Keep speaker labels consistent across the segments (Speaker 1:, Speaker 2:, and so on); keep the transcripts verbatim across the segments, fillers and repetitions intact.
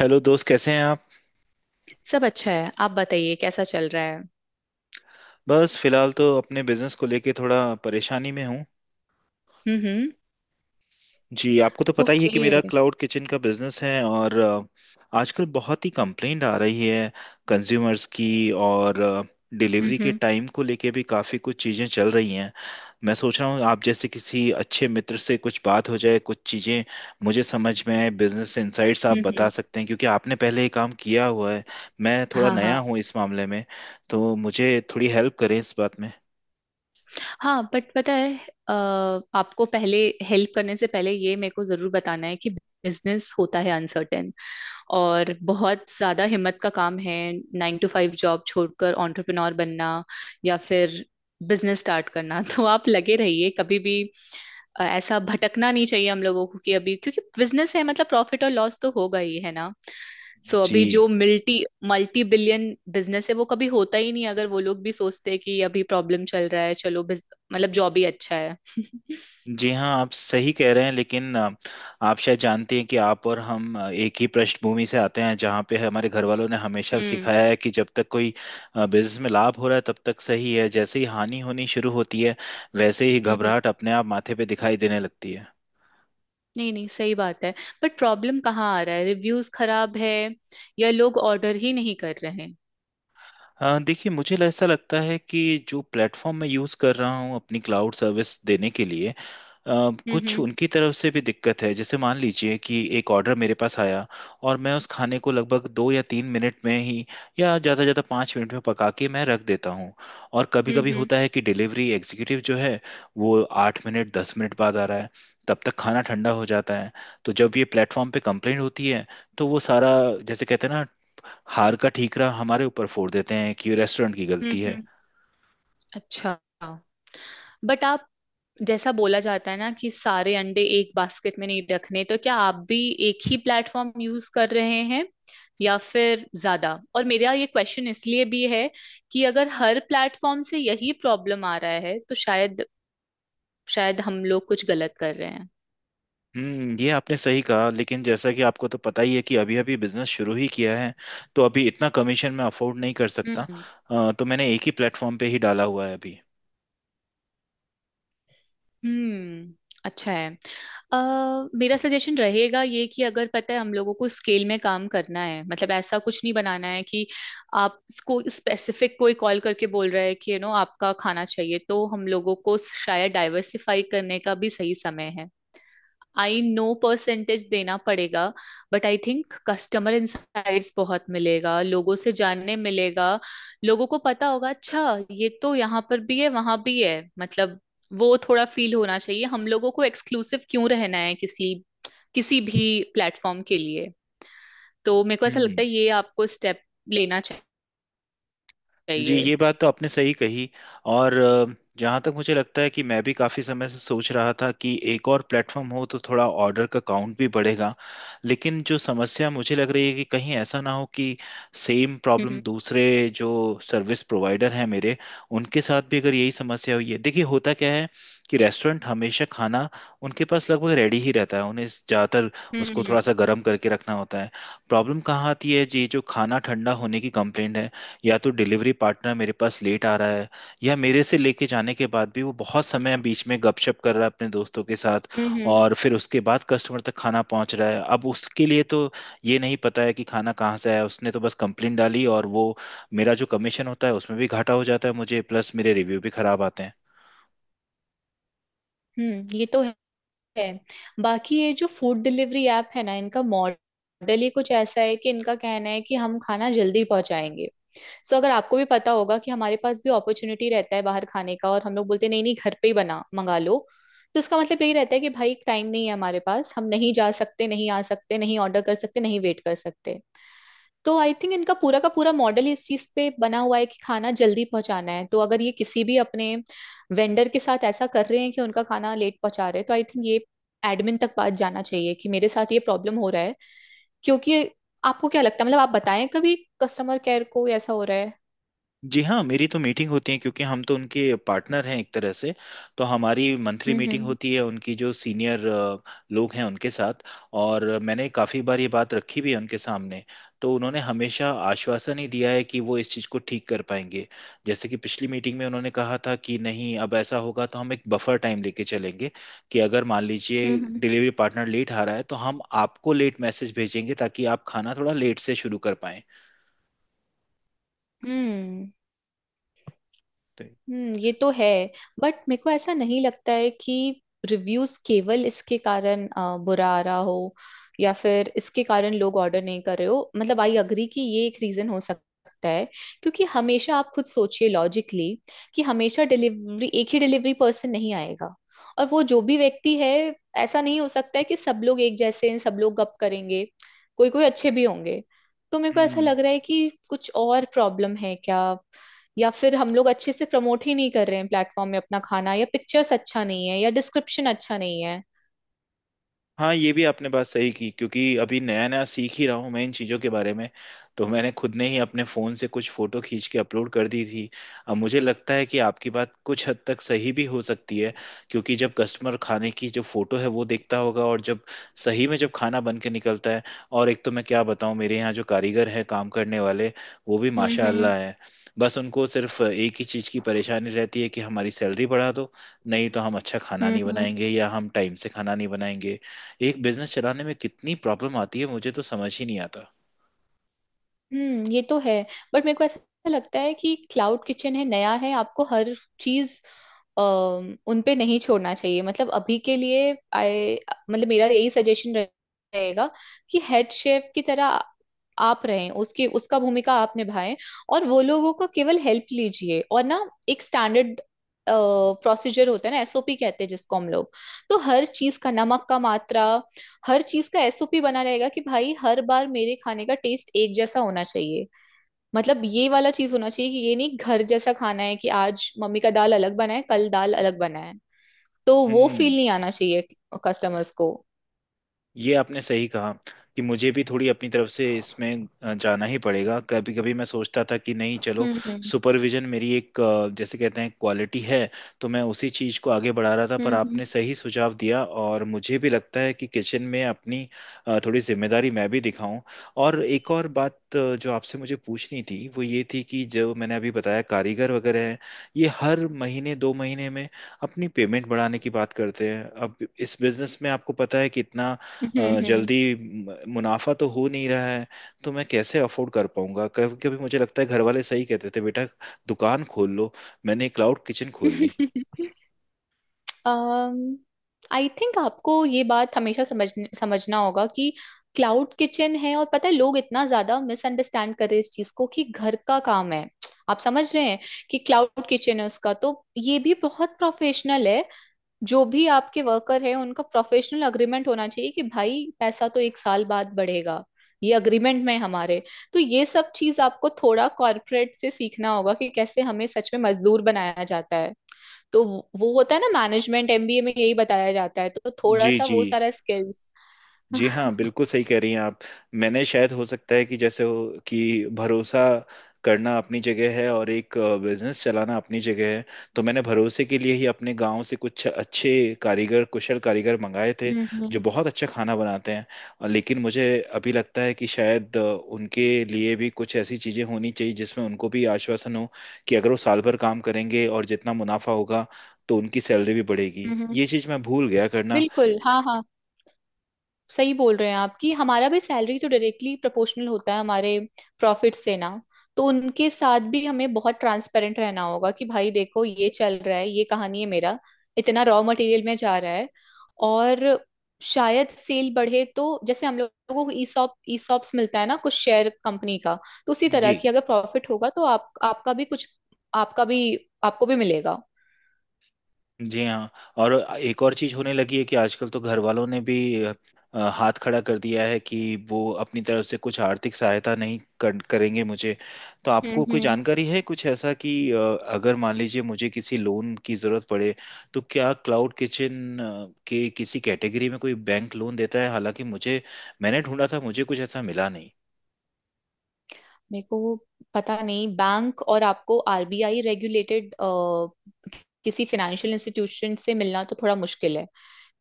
Speaker 1: Hello दोस्त, कैसे हैं आप।
Speaker 2: सब अच्छा है। आप बताइए कैसा चल रहा है।
Speaker 1: बस फिलहाल तो अपने बिजनेस को लेके थोड़ा परेशानी में हूँ।
Speaker 2: हम्म हम्म।
Speaker 1: जी, आपको तो पता ही है कि
Speaker 2: ओके।
Speaker 1: मेरा क्लाउड किचन का बिजनेस है, और अ, आजकल बहुत ही कंप्लेंट आ रही है कंज्यूमर्स की, और
Speaker 2: हम्म
Speaker 1: डिलीवरी के
Speaker 2: हम्म।
Speaker 1: टाइम को लेके भी काफ़ी कुछ चीज़ें चल रही हैं। मैं सोच रहा हूँ आप जैसे किसी अच्छे मित्र से कुछ बात हो जाए, कुछ चीज़ें मुझे समझ में आए। बिजनेस इनसाइट्स आप
Speaker 2: हम्म
Speaker 1: बता
Speaker 2: हम्म।
Speaker 1: सकते हैं क्योंकि आपने पहले ये काम किया हुआ है। मैं थोड़ा
Speaker 2: हाँ
Speaker 1: नया
Speaker 2: हाँ।
Speaker 1: हूँ इस मामले में, तो मुझे थोड़ी हेल्प करें इस बात में।
Speaker 2: हाँ बट पता है। अ, आपको पहले हेल्प करने से पहले ये मेरे को जरूर बताना है कि बिजनेस होता है अनसर्टेन और बहुत ज्यादा हिम्मत का काम है। नाइन टू फाइव जॉब छोड़कर एंटरप्रेन्योर बनना, या फिर बिजनेस स्टार्ट करना। तो आप लगे रहिए कभी भी। अ, ऐसा भटकना नहीं चाहिए हम लोगों को कि अभी क्योंकि बिजनेस है मतलब प्रॉफिट और लॉस तो होगा ही है ना। सो अभी
Speaker 1: जी।
Speaker 2: जो मल्टी मल्टी बिलियन बिजनेस है वो कभी होता ही नहीं, अगर वो लोग भी सोचते हैं कि अभी प्रॉब्लम चल रहा है, चलो बिज- मतलब जॉब ही अच्छा है।
Speaker 1: जी हाँ, आप सही कह रहे हैं, लेकिन अ, आप शायद जानते हैं कि आप और हम अ, एक ही पृष्ठभूमि से आते हैं, जहाँ पे हमारे घर वालों ने हमेशा
Speaker 2: हम्म
Speaker 1: सिखाया है कि जब तक कोई बिजनेस में लाभ हो रहा है तब तक सही है, जैसे ही हानि होनी शुरू होती है वैसे ही
Speaker 2: हम्म। हम्म,
Speaker 1: घबराहट अपने आप माथे पे दिखाई देने लगती है।
Speaker 2: नहीं नहीं, सही बात है। बट प्रॉब्लम कहाँ आ रहा है, रिव्यूज खराब है या लोग ऑर्डर ही नहीं कर रहे हैं।
Speaker 1: अ, देखिए, मुझे ल- ऐसा लगता है कि जो प्लेटफॉर्म मैं यूज़ कर रहा हूँ अपनी क्लाउड सर्विस देने के लिए, अ,
Speaker 2: हम्म
Speaker 1: कुछ
Speaker 2: हम्म।
Speaker 1: उनकी तरफ से भी दिक्कत है। जैसे मान लीजिए कि एक ऑर्डर मेरे पास आया, और मैं उस खाने को लगभग दो या तीन मिनट में ही या ज़्यादा से ज़्यादा पाँच मिनट में पका के मैं रख देता हूँ। और कभी
Speaker 2: हम्म
Speaker 1: कभी
Speaker 2: हम्म।
Speaker 1: होता है कि डिलीवरी एग्जीक्यूटिव जो है, वो आठ मिनट दस मिनट बाद आ रहा है, तब तक खाना ठंडा हो जाता है। तो जब ये प्लेटफॉर्म पे कंप्लेंट होती है, तो वो सारा, जैसे कहते हैं ना, हार का ठीकरा हमारे ऊपर फोड़ देते हैं कि रेस्टोरेंट की
Speaker 2: हम्म
Speaker 1: गलती है।
Speaker 2: हम्म, अच्छा। बट आप, जैसा बोला जाता है ना कि सारे अंडे एक बास्केट में नहीं रखने, तो क्या आप भी एक ही प्लेटफॉर्म यूज कर रहे हैं या फिर ज्यादा? और मेरा ये क्वेश्चन इसलिए भी है कि अगर हर प्लेटफॉर्म से यही प्रॉब्लम आ रहा है तो शायद शायद हम लोग कुछ गलत कर रहे
Speaker 1: हम्म, ये आपने सही कहा, लेकिन जैसा कि आपको तो पता ही है कि अभी अभी बिजनेस शुरू ही किया है, तो अभी इतना कमीशन मैं अफोर्ड नहीं कर सकता।
Speaker 2: हैं।
Speaker 1: अ, तो मैंने एक ही प्लेटफॉर्म पे ही डाला हुआ है अभी।
Speaker 2: हम्म। अच्छा है। अ, मेरा सजेशन रहेगा ये कि अगर पता है हम लोगों को स्केल में काम करना है, मतलब ऐसा कुछ नहीं बनाना है कि आप, कोई स्पेसिफिक कोई कॉल करके बोल रहा है कि यू नो आपका खाना चाहिए, तो हम लोगों को शायद डाइवर्सिफाई करने का भी सही समय है। आई नो परसेंटेज देना पड़ेगा, but I think customer insights बहुत मिलेगा, लोगों से जानने मिलेगा, लोगों को पता होगा अच्छा ये तो यहाँ पर भी है वहां भी है, मतलब वो थोड़ा फील होना चाहिए हम लोगों को। एक्सक्लूसिव क्यों रहना है किसी किसी भी प्लेटफॉर्म के लिए। तो मेरे को ऐसा
Speaker 1: हम्म।
Speaker 2: लगता है ये आपको स्टेप लेना
Speaker 1: जी,
Speaker 2: चाहिए।
Speaker 1: ये बात तो आपने सही कही। और अ, जहाँ तक मुझे लगता है कि मैं भी काफ़ी समय से सोच रहा था कि एक और प्लेटफॉर्म हो तो थोड़ा ऑर्डर का काउंट भी बढ़ेगा, लेकिन जो समस्या मुझे लग रही है कि कहीं ऐसा ना हो कि सेम प्रॉब्लम
Speaker 2: हम्म
Speaker 1: दूसरे जो सर्विस प्रोवाइडर हैं मेरे, उनके साथ भी अगर यही समस्या हुई है। देखिए, होता क्या है कि रेस्टोरेंट हमेशा खाना, उनके पास लगभग रेडी ही रहता है, उन्हें ज़्यादातर
Speaker 2: हम्म।
Speaker 1: उसको
Speaker 2: हम्म
Speaker 1: थोड़ा सा गर्म करके रखना होता है। प्रॉब्लम कहाँ आती है जी, जो खाना ठंडा होने की कंप्लेंट है, या तो डिलीवरी पार्टनर मेरे पास लेट आ रहा है, या मेरे से लेके जाने के बाद भी वो बहुत समय बीच में गपशप कर रहा है अपने दोस्तों के साथ,
Speaker 2: हम्म। हम्म,
Speaker 1: और फिर उसके बाद कस्टमर तक खाना पहुंच रहा है। अब उसके लिए तो ये नहीं पता है कि खाना कहाँ से आया, उसने तो बस कंप्लेन डाली, और वो मेरा जो कमीशन होता है उसमें भी घाटा हो जाता है मुझे, प्लस मेरे रिव्यू भी खराब आते हैं।
Speaker 2: हम्म, ये तो है। बाकी ये जो फूड डिलीवरी ऐप है ना, इनका मॉडल ही कुछ ऐसा है कि इनका कहना है कि हम खाना जल्दी पहुंचाएंगे। सो अगर आपको भी पता होगा कि हमारे पास भी अपॉर्चुनिटी रहता है बाहर खाने का और हम लोग बोलते हैं, नहीं नहीं, घर पे ही बना मंगा लो। तो इसका मतलब यही रहता है कि भाई टाइम नहीं है हमारे पास, हम नहीं जा सकते, नहीं आ सकते, नहीं ऑर्डर कर सकते, नहीं वेट कर सकते। तो आई थिंक इनका पूरा का पूरा मॉडल ही इस चीज पे बना हुआ है कि खाना जल्दी पहुंचाना है, तो अगर ये किसी भी अपने वेंडर के साथ ऐसा कर रहे हैं कि उनका खाना लेट पहुंचा रहे हैं, तो आई थिंक ये एडमिन तक बात जाना चाहिए कि मेरे साथ ये प्रॉब्लम हो रहा है। क्योंकि आपको क्या लगता है, मतलब आप बताएं, कभी कस्टमर केयर को ऐसा हो रहा है?
Speaker 1: जी हाँ, मेरी तो मीटिंग होती है क्योंकि हम तो उनके पार्टनर हैं एक तरह से, तो हमारी मंथली
Speaker 2: हम्म
Speaker 1: मीटिंग
Speaker 2: हम्म।
Speaker 1: होती है उनकी जो सीनियर लोग हैं उनके साथ, और मैंने काफ़ी बार ये बात रखी भी है उनके सामने। तो उन्होंने हमेशा आश्वासन ही दिया है कि वो इस चीज़ को ठीक कर पाएंगे। जैसे कि पिछली मीटिंग में उन्होंने कहा था कि नहीं, अब ऐसा होगा तो हम एक बफर टाइम लेके चलेंगे कि अगर मान लीजिए
Speaker 2: हम्म हम्म।
Speaker 1: डिलीवरी पार्टनर लेट आ रहा है तो हम आपको लेट मैसेज भेजेंगे, ताकि आप खाना थोड़ा लेट से शुरू कर पाएं।
Speaker 2: हम्म।
Speaker 1: तो
Speaker 2: हम्म, ये तो है। बट मेरे को ऐसा नहीं लगता है कि रिव्यूज केवल इसके कारण अ, बुरा आ रहा हो, या फिर इसके कारण लोग ऑर्डर नहीं कर रहे हो। मतलब आई अग्री कि ये एक रीजन हो सकता है, क्योंकि हमेशा आप खुद सोचिए लॉजिकली कि हमेशा डिलीवरी एक ही डिलीवरी पर्सन नहीं आएगा। और वो जो भी व्यक्ति है, ऐसा नहीं हो सकता है कि सब लोग एक जैसे हैं, सब लोग गप करेंगे, कोई कोई अच्छे भी होंगे। तो मेरे को ऐसा
Speaker 1: हम्म,
Speaker 2: लग रहा है कि कुछ और प्रॉब्लम है क्या, या फिर हम लोग अच्छे से प्रमोट ही नहीं कर रहे हैं प्लेटफॉर्म में अपना खाना, या पिक्चर्स अच्छा नहीं है, या डिस्क्रिप्शन अच्छा नहीं है।
Speaker 1: हाँ, ये भी आपने बात सही की, क्योंकि अभी नया नया सीख ही रहा हूँ मैं इन चीज़ों के बारे में, तो मैंने खुद ने ही अपने फ़ोन से कुछ फ़ोटो खींच के अपलोड कर दी थी। अब मुझे लगता है कि आपकी बात कुछ हद तक सही भी हो सकती है, क्योंकि जब कस्टमर खाने की जो फ़ोटो है वो देखता होगा, और जब सही में जब खाना बन के निकलता है। और एक तो मैं क्या बताऊँ, मेरे यहाँ जो कारीगर हैं काम करने वाले, वो भी
Speaker 2: हम्म हम्म।
Speaker 1: माशाल्लाह हैं। बस उनको सिर्फ एक ही चीज़ की परेशानी रहती है कि हमारी सैलरी बढ़ा दो, नहीं तो हम अच्छा खाना
Speaker 2: हम्म
Speaker 1: नहीं
Speaker 2: हम्म।
Speaker 1: बनाएंगे या हम टाइम से खाना नहीं बनाएंगे। एक बिजनेस चलाने में कितनी प्रॉब्लम आती है, मुझे तो समझ ही नहीं आता।
Speaker 2: हम्म, ये तो है। बट मेरे को ऐसा लगता है कि क्लाउड किचन है, नया है, आपको हर चीज अम, उन पे नहीं छोड़ना चाहिए, मतलब अभी के लिए आई, मतलब मेरा यही सजेशन रहेगा कि हेड शेफ की तरह आप रहें, उसकी उसका भूमिका आप निभाएं, और वो लोगों का केवल हेल्प लीजिए। और ना, एक स्टैंडर्ड प्रोसीजर होता है ना, एसओपी कहते हैं जिसको हम लोग, तो हर चीज का नमक का मात्रा, हर चीज का एसओपी बना रहेगा कि भाई हर बार मेरे खाने का टेस्ट एक जैसा होना चाहिए। मतलब ये वाला चीज होना चाहिए कि ये नहीं घर जैसा खाना है कि आज मम्मी का दाल अलग बना है, कल दाल अलग बना है। तो वो
Speaker 1: हम्म,
Speaker 2: फील नहीं आना चाहिए कस्टमर्स को।
Speaker 1: ये आपने सही कहा कि मुझे भी थोड़ी अपनी तरफ से इसमें अ, जाना ही पड़ेगा। कभी कभी मैं सोचता था कि नहीं, चलो,
Speaker 2: हम्म हम्म।
Speaker 1: सुपरविजन मेरी एक अ, जैसे कहते हैं क्वालिटी है, तो मैं उसी चीज़ को आगे बढ़ा रहा था, पर
Speaker 2: हम्म
Speaker 1: आपने सही सुझाव दिया और मुझे भी लगता है कि किचन में अपनी अ, थोड़ी जिम्मेदारी मैं भी दिखाऊं। और एक और बात अ, जो आपसे मुझे पूछनी थी वो ये थी कि जो मैंने अभी बताया कारीगर वगैरह हैं, ये हर महीने दो महीने में अपनी पेमेंट बढ़ाने की बात करते हैं। अब इस बिजनेस में आपको पता है कितना
Speaker 2: हम्म।
Speaker 1: अ,
Speaker 2: हम्म
Speaker 1: जल्दी म- मुनाफा तो हो नहीं रहा है, तो मैं कैसे अफोर्ड कर पाऊंगा। कभी कभी मुझे लगता है घर वाले सही कहते थे, बेटा दुकान खोल लो, मैंने क्लाउड किचन खोल ली।
Speaker 2: हम्म। आई थिंक आपको ये बात हमेशा समझने समझना होगा कि क्लाउड किचन है, और पता है लोग इतना ज्यादा मिसअंडरस्टैंड कर रहे हैं इस चीज को कि घर का काम है। आप समझ रहे हैं कि क्लाउड किचन है, उसका तो ये भी बहुत प्रोफेशनल है। जो भी आपके वर्कर है उनका प्रोफेशनल अग्रीमेंट होना चाहिए कि भाई पैसा तो एक साल बाद बढ़ेगा, ये अग्रीमेंट में है हमारे। तो ये सब चीज आपको थोड़ा कॉर्पोरेट से सीखना होगा कि कैसे हमें सच में मजदूर बनाया जाता है। तो वो वो होता है ना मैनेजमेंट एमबीए में यही बताया जाता है, तो थोड़ा
Speaker 1: जी।
Speaker 2: सा
Speaker 1: जी।
Speaker 2: वो सारा स्किल्स।
Speaker 1: जी हाँ,
Speaker 2: हम्म।
Speaker 1: बिल्कुल सही कह रही हैं आप। मैंने शायद, हो सकता है कि जैसे हो कि भरोसा करना अपनी जगह है और एक बिजनेस चलाना अपनी जगह है। तो मैंने भरोसे के लिए ही अपने गांव से कुछ अच्छे कारीगर, कुशल कारीगर मंगाए थे जो
Speaker 2: हम्म
Speaker 1: बहुत अच्छा खाना बनाते हैं। और लेकिन मुझे अभी लगता है कि शायद अ, उनके लिए भी कुछ ऐसी चीज़ें होनी चाहिए जिसमें उनको भी आश्वासन हो कि अगर वो साल भर काम करेंगे और जितना मुनाफा होगा तो उनकी सैलरी भी बढ़ेगी।
Speaker 2: हम्म।
Speaker 1: ये चीज़ मैं भूल गया करना।
Speaker 2: बिल्कुल, हाँ हाँ, सही बोल रहे हैं आप कि हमारा भी सैलरी तो डायरेक्टली प्रोपोर्शनल होता है हमारे प्रॉफिट से ना। तो उनके साथ भी हमें बहुत ट्रांसपेरेंट रहना होगा कि भाई देखो ये चल रहा है, ये कहानी है, मेरा इतना रॉ मटेरियल में जा रहा है। और शायद सेल बढ़े तो जैसे हम लोगों को ईसॉप ईसॉप्स मिलता है ना कुछ शेयर कंपनी का, तो उसी तरह
Speaker 1: जी।
Speaker 2: की अगर प्रॉफिट होगा तो आप आपका भी कुछ, आपका भी, आपको भी मिलेगा।
Speaker 1: जी हाँ। और एक और चीज होने लगी है कि आजकल तो घर वालों ने भी अ, हाथ खड़ा कर दिया है कि वो अपनी तरफ से कुछ आर्थिक सहायता नहीं कर, करेंगे मुझे। तो
Speaker 2: हम्म
Speaker 1: आपको कोई
Speaker 2: हम्म।
Speaker 1: जानकारी है कुछ ऐसा कि अ, अगर मान लीजिए मुझे किसी लोन की जरूरत पड़े, तो क्या क्लाउड किचन के किसी कैटेगरी में कोई बैंक लोन देता है। हालांकि मुझे, मैंने ढूंढा था, मुझे कुछ ऐसा मिला नहीं।
Speaker 2: मेरे को पता नहीं, बैंक और आपको आरबीआई रेगुलेटेड किसी फाइनेंशियल इंस्टीट्यूशन से मिलना तो थोड़ा मुश्किल है,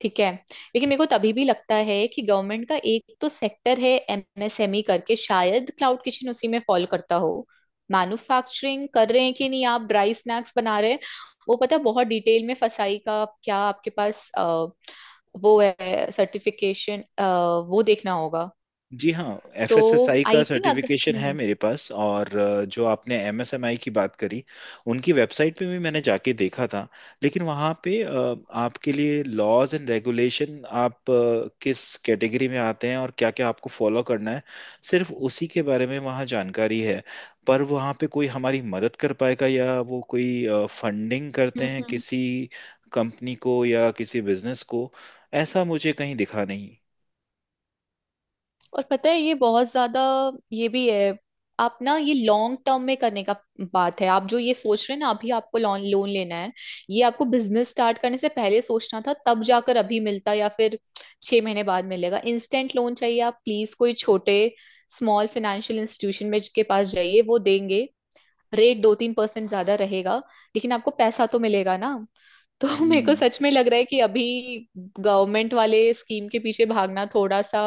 Speaker 2: ठीक है। लेकिन मेरे को तभी भी लगता है कि गवर्नमेंट का एक तो सेक्टर है एमएसएमई करके, शायद क्लाउड किचन उसी में फॉल करता हो। मैन्युफैक्चरिंग कर रहे हैं कि नहीं आप, ड्राई स्नैक्स बना रहे हैं वो, पता है बहुत डिटेल में। फसाई का क्या आपके पास अ, वो है सर्टिफिकेशन, वो देखना होगा।
Speaker 1: जी हाँ,
Speaker 2: तो
Speaker 1: एफ एस एस आई का
Speaker 2: आई थिंक अगर।
Speaker 1: सर्टिफिकेशन है
Speaker 2: हम्म
Speaker 1: मेरे पास, और अ, जो आपने एम एस एम ई की बात करी, उनकी वेबसाइट पे भी मैंने जाके देखा था, लेकिन वहाँ पे अ, आपके लिए लॉज एंड रेगुलेशन आप अ, किस कैटेगरी में आते हैं और क्या क्या आपको फॉलो करना है, सिर्फ उसी के बारे में वहाँ जानकारी है। पर वहाँ पे कोई हमारी मदद कर पाएगा या वो कोई फंडिंग करते हैं
Speaker 2: हम्म।
Speaker 1: किसी कंपनी को या किसी बिजनेस को, ऐसा मुझे कहीं दिखा नहीं।
Speaker 2: और पता है ये बहुत ज्यादा, ये भी है, आप ना ये लॉन्ग टर्म में करने का बात है, आप जो ये सोच रहे हैं ना अभी आपको लोन लोन लेना है, ये आपको बिजनेस स्टार्ट करने से पहले सोचना था, तब जाकर अभी मिलता, या फिर छह महीने बाद मिलेगा। इंस्टेंट लोन चाहिए आप प्लीज कोई छोटे स्मॉल फाइनेंशियल इंस्टीट्यूशन में के पास जाइए, वो देंगे। रेट दो तीन परसेंट ज्यादा रहेगा, लेकिन आपको पैसा तो मिलेगा ना। तो मेरे को
Speaker 1: हम्म।
Speaker 2: सच में लग रहा है कि अभी गवर्नमेंट वाले स्कीम के पीछे भागना थोड़ा सा,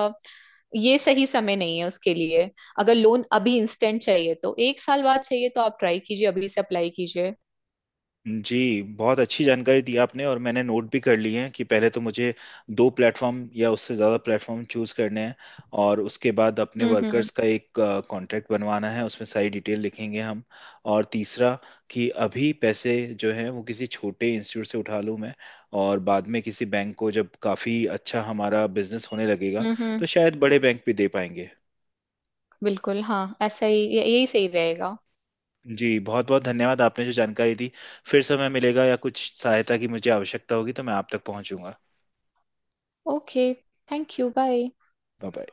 Speaker 2: ये सही समय नहीं है उसके लिए। अगर लोन अभी इंस्टेंट चाहिए तो, एक साल बाद चाहिए तो, आप ट्राई कीजिए, अभी से अप्लाई कीजिए।
Speaker 1: जी बहुत अच्छी जानकारी दी आपने, और मैंने नोट भी कर लिए हैं कि पहले तो मुझे दो प्लेटफॉर्म या उससे ज़्यादा प्लेटफॉर्म चूज करने हैं, और उसके बाद अपने
Speaker 2: हम्म हम्म।
Speaker 1: वर्कर्स का एक कॉन्ट्रैक्ट बनवाना है, उसमें सारी डिटेल लिखेंगे हम। और तीसरा, कि अभी पैसे जो हैं वो किसी छोटे इंस्टीट्यूट से उठा लूँ मैं, और बाद में किसी बैंक को, जब काफ़ी अच्छा हमारा बिजनेस होने लगेगा,
Speaker 2: हम्म हम्म।
Speaker 1: तो शायद बड़े बैंक भी दे पाएंगे।
Speaker 2: बिल्कुल हाँ, ऐसा ही ये- यही सही रहेगा।
Speaker 1: जी बहुत बहुत धन्यवाद, आपने जो जानकारी दी। फिर समय मिलेगा या कुछ सहायता की मुझे आवश्यकता होगी तो मैं आप तक पहुंचूंगा।
Speaker 2: Okay. Thank you. Bye.
Speaker 1: Bye bye.